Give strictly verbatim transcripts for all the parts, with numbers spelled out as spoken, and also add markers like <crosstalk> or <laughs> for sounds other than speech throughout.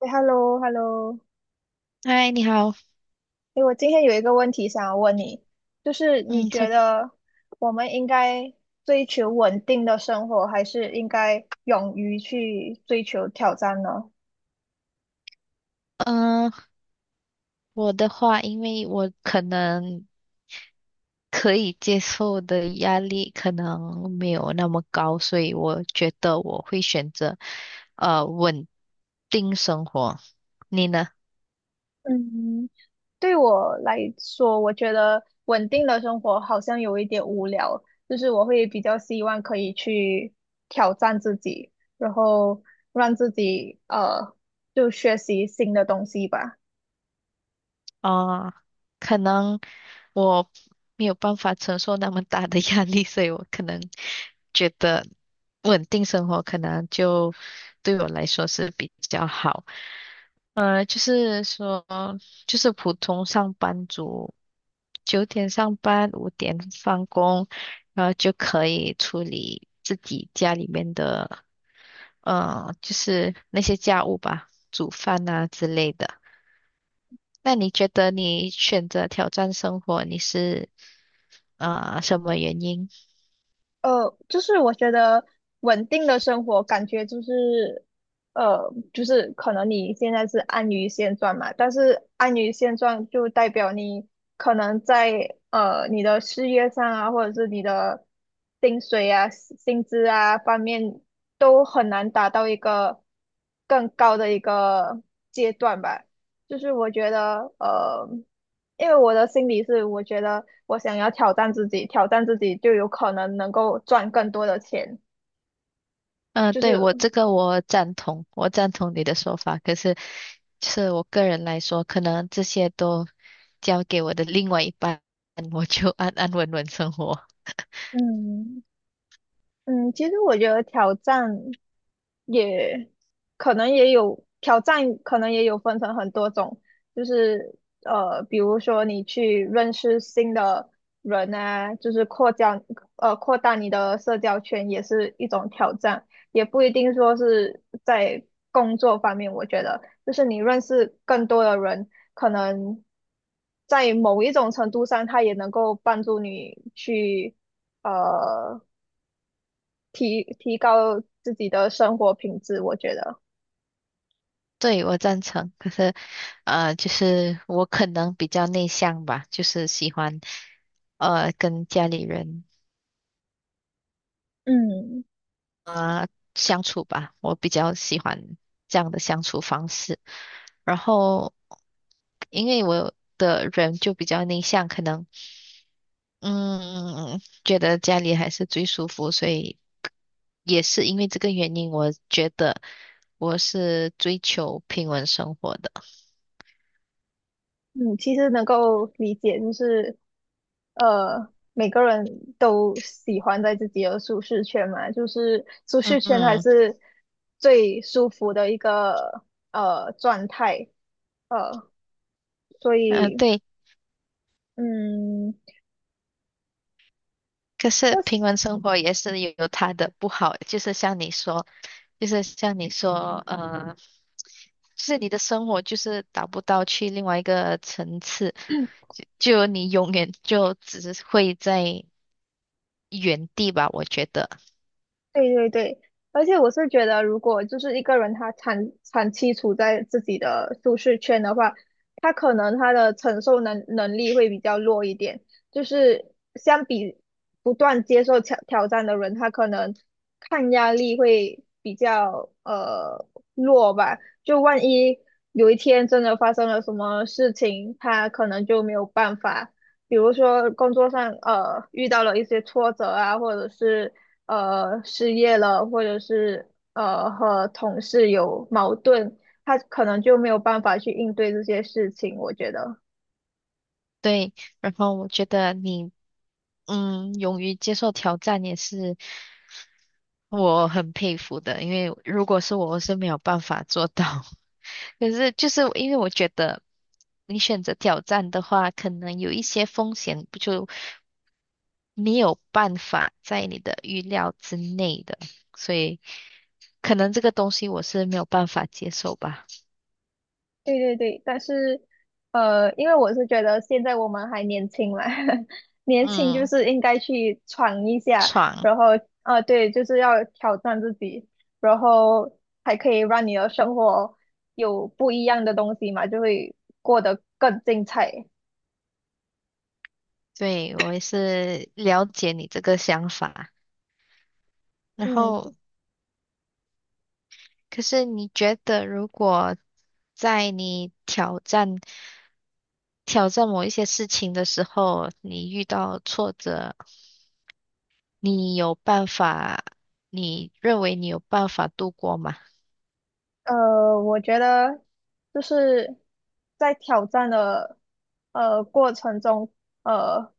哎，hello，hello，嗨，你好。哎，我今天有一个问题想要问你，就是你嗯，差觉得我们应该追求稳定的生活，还是应该勇于去追求挑战呢？嗯、呃我的话，因为我可能可以接受的压力可能没有那么高，所以我觉得我会选择呃稳定生活。你呢？嗯，对我来说，我觉得稳定的生活好像有一点无聊，就是我会比较希望可以去挑战自己，然后让自己呃，就学习新的东西吧。啊、可能我没有办法承受那么大的压力，所以我可能觉得稳定生活可能就对我来说是比较好。呃，就是说，就是普通上班族，九点上班，五点放工，然后就可以处理自己家里面的，呃，就是那些家务吧，煮饭啊之类的。那你觉得你选择挑战生活，你是啊什么原因？呃，就是我觉得稳定的生活感觉就是，呃，就是可能你现在是安于现状嘛，但是安于现状就代表你可能在呃你的事业上啊，或者是你的薪水啊、薪资啊方面都很难达到一个更高的一个阶段吧。就是我觉得，呃。因为我的心理是，我觉得我想要挑战自己，挑战自己就有可能能够赚更多的钱。嗯、就对，是，我这个我赞同，我赞同你的说法。可是，就是我个人来说，可能这些都交给我的另外一半，我就安安稳稳生活。嗯嗯，其实我觉得挑战。也可能也有挑战，可能也有分成很多种，就是呃，比如说你去认识新的人啊，就是扩交呃扩大你的社交圈也是一种挑战，也不一定说是在工作方面，我觉得就是你认识更多的人，可能在某一种程度上，他也能够帮助你去。呃提提高自己的生活品质，我觉得。对，我赞成。可是，呃，就是我可能比较内向吧，就是喜欢，呃，跟家里人嗯啊、呃相处吧。我比较喜欢这样的相处方式。然后，因为我的人就比较内向，可能嗯，觉得家里还是最舒服，所以也是因为这个原因，我觉得我是追求平稳生活的。嗯，其实能够理解，就是呃，每个人都喜欢在自己的舒适圈嘛，就是舒适嗯圈还嗯，是最舒服的一个呃状态，呃，所呃，以对。嗯。可是平稳生活也是有它的不好，就是像你说，就是像你说，呃，就是你的生活就是达不到去另外一个层次，就就你永远就只是会在原地吧，我觉得。对对对，而且我是觉得，如果就是一个人他长长期处在自己的舒适圈的话，他可能他的承受能能力会比较弱一点。就是相比不断接受挑挑战的人，他可能抗压力会比较呃弱吧。就万一有一天真的发生了什么事情，他可能就没有办法。比如说工作上呃遇到了一些挫折啊，或者是呃失业了，或者是呃和同事有矛盾，他可能就没有办法去应对这些事情，我觉得。对，然后我觉得你，嗯，勇于接受挑战也是。我很佩服的，因为如果是我，我是没有办法做到。<laughs> 可是就是因为我觉得你选择挑战的话，可能有一些风险不就没有办法在你的预料之内的，所以可能这个东西我是没有办法接受吧。对对对，但是呃，因为我是觉得现在我们还年轻嘛，<laughs> 年轻就嗯，是应该去闯一下，闯，然后啊，对，就是要挑战自己，然后还可以让你的生活有不一样的东西嘛，就会过得更精彩。对，我也是了解你这个想法。然嗯，后，可是你觉得如果在你挑战？挑战某一些事情的时候，你遇到挫折，你有办法，你认为你有办法度过吗？呃，我觉得就是在挑战的呃过程中，呃，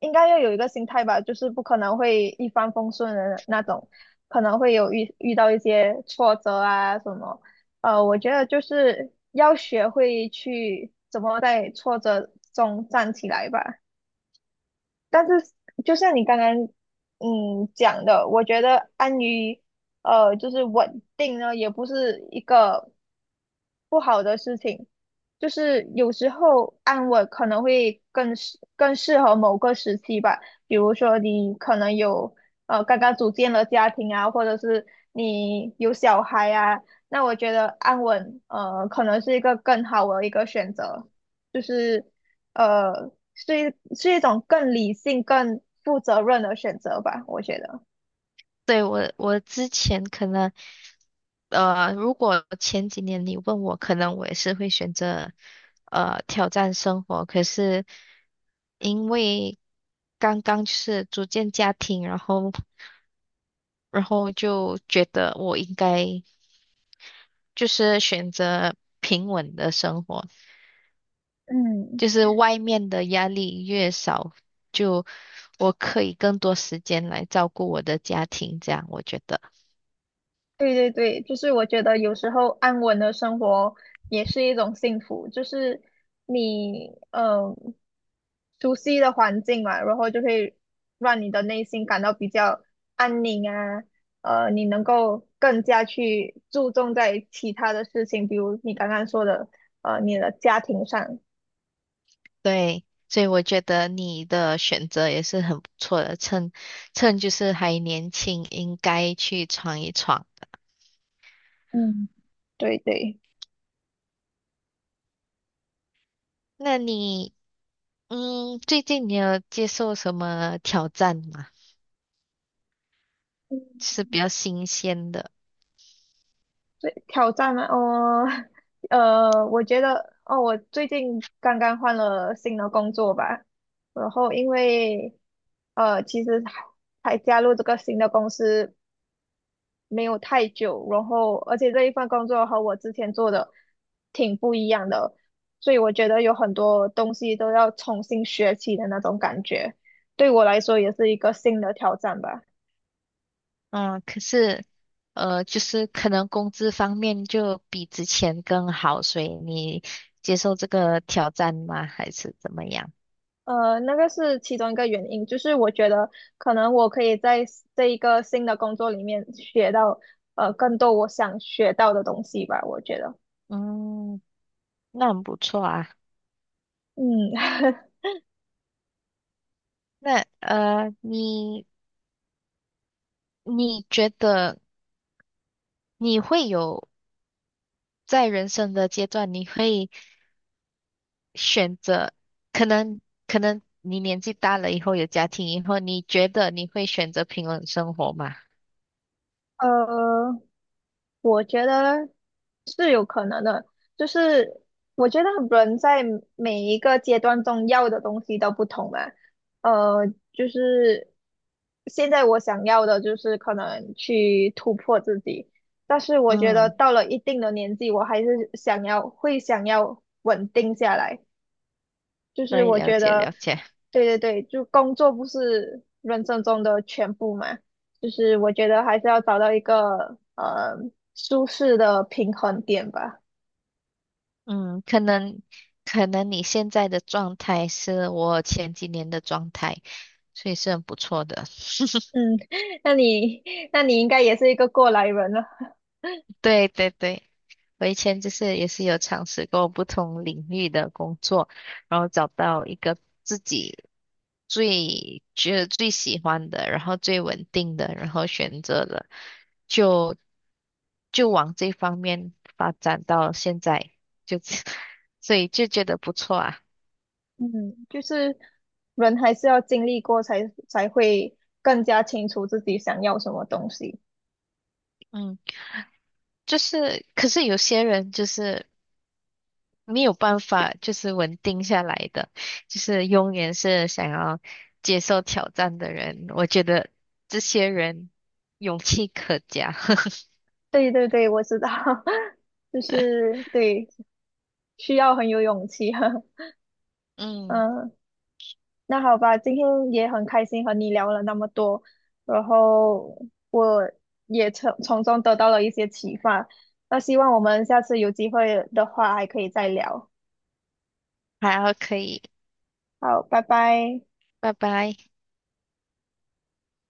应该要有一个心态吧，就是不可能会一帆风顺的那种，可能会有遇遇到一些挫折啊什么。呃，我觉得就是要学会去怎么在挫折中站起来吧。但是就像你刚刚嗯讲的，我觉得安于呃就是稳定呢，也不是一个不好的事情，就是有时候安稳可能会更适更适合某个时期吧，比如说你可能有呃刚刚组建了家庭啊，或者是你有小孩啊，那我觉得安稳呃可能是一个更好的一个选择。就是呃，是一是一种更理性、更负责任的选择吧，我觉得。对，我，我之前可能，呃，如果前几年你问我，可能我也是会选择，呃，挑战生活。可是因为刚刚就是组建家庭，然后，然后就觉得我应该就是选择平稳的生活。嗯，就是外面的压力越少，就我可以更多时间来照顾我的家庭，这样我觉得对对对，就是我觉得有时候安稳的生活也是一种幸福，就是你嗯熟悉的环境嘛，然后就会让你的内心感到比较安宁啊，呃，你能够更加去注重在其他的事情，比如你刚刚说的，呃，你的家庭上。对，所以我觉得你的选择也是很不错的，趁趁就是还年轻，应该去闯一闯的。嗯，对对。那你嗯，最近你有接受什么挑战吗？是比较新鲜的，挑战吗？哦，<laughs> 呃，我觉得哦，我最近刚刚换了新的工作吧，然后因为呃，其实才加入这个新的公司没有太久，然后而且这一份工作和我之前做的挺不一样的，所以我觉得有很多东西都要重新学起的那种感觉，对我来说也是一个新的挑战吧。嗯，可是呃，就是可能工资方面就比之前更好，所以你接受这个挑战吗？还是怎么样？呃，那个是其中一个原因，就是我觉得可能我可以在 s- 这一个新的工作里面学到呃更多我想学到的东西吧，我觉得，嗯，那很不错啊。嗯，<laughs> 那呃，你你觉得你会有在人生的阶段，你会选择可能可能你年纪大了以后有家庭以后，你觉得你会选择平稳生活吗？呃，我觉得是有可能的，就是我觉得人在每一个阶段中要的东西都不同嘛，呃，就是现在我想要的就是可能去突破自己，但是我觉得嗯，到了一定的年纪，我还是想要会想要稳定下来。就是对，我了觉解得，了解。对对对，就工作不是人生中的全部嘛，就是我觉得还是要找到一个呃舒适的平衡点吧。嗯，可能可能你现在的状态是我前几年的状态，所以是很不错的。<laughs> 嗯，<laughs> 那你那你应该也是一个过来人了。对对对，我以前就是也是有尝试过不同领域的工作，然后找到一个自己最觉得最喜欢的，然后最稳定的，然后选择了就就往这方面发展到现在，就 <laughs> 所以就觉得不错啊。嗯，就是人还是要经历过才才会更加清楚自己想要什么东西。嗯，就是可是有些人就是。没有办法，就是稳定下来的，就是永远是想要接受挑战的人。我觉得这些人勇气可嘉。<laughs> 对对对，我知道，<laughs> 就是对，需要很有勇气。<laughs> 嗯，嗯。那好吧，今天也很开心和你聊了那么多，然后我也从从中得到了一些启发。那希望我们下次有机会的话还可以再聊。好，可以，好，拜拜。拜拜。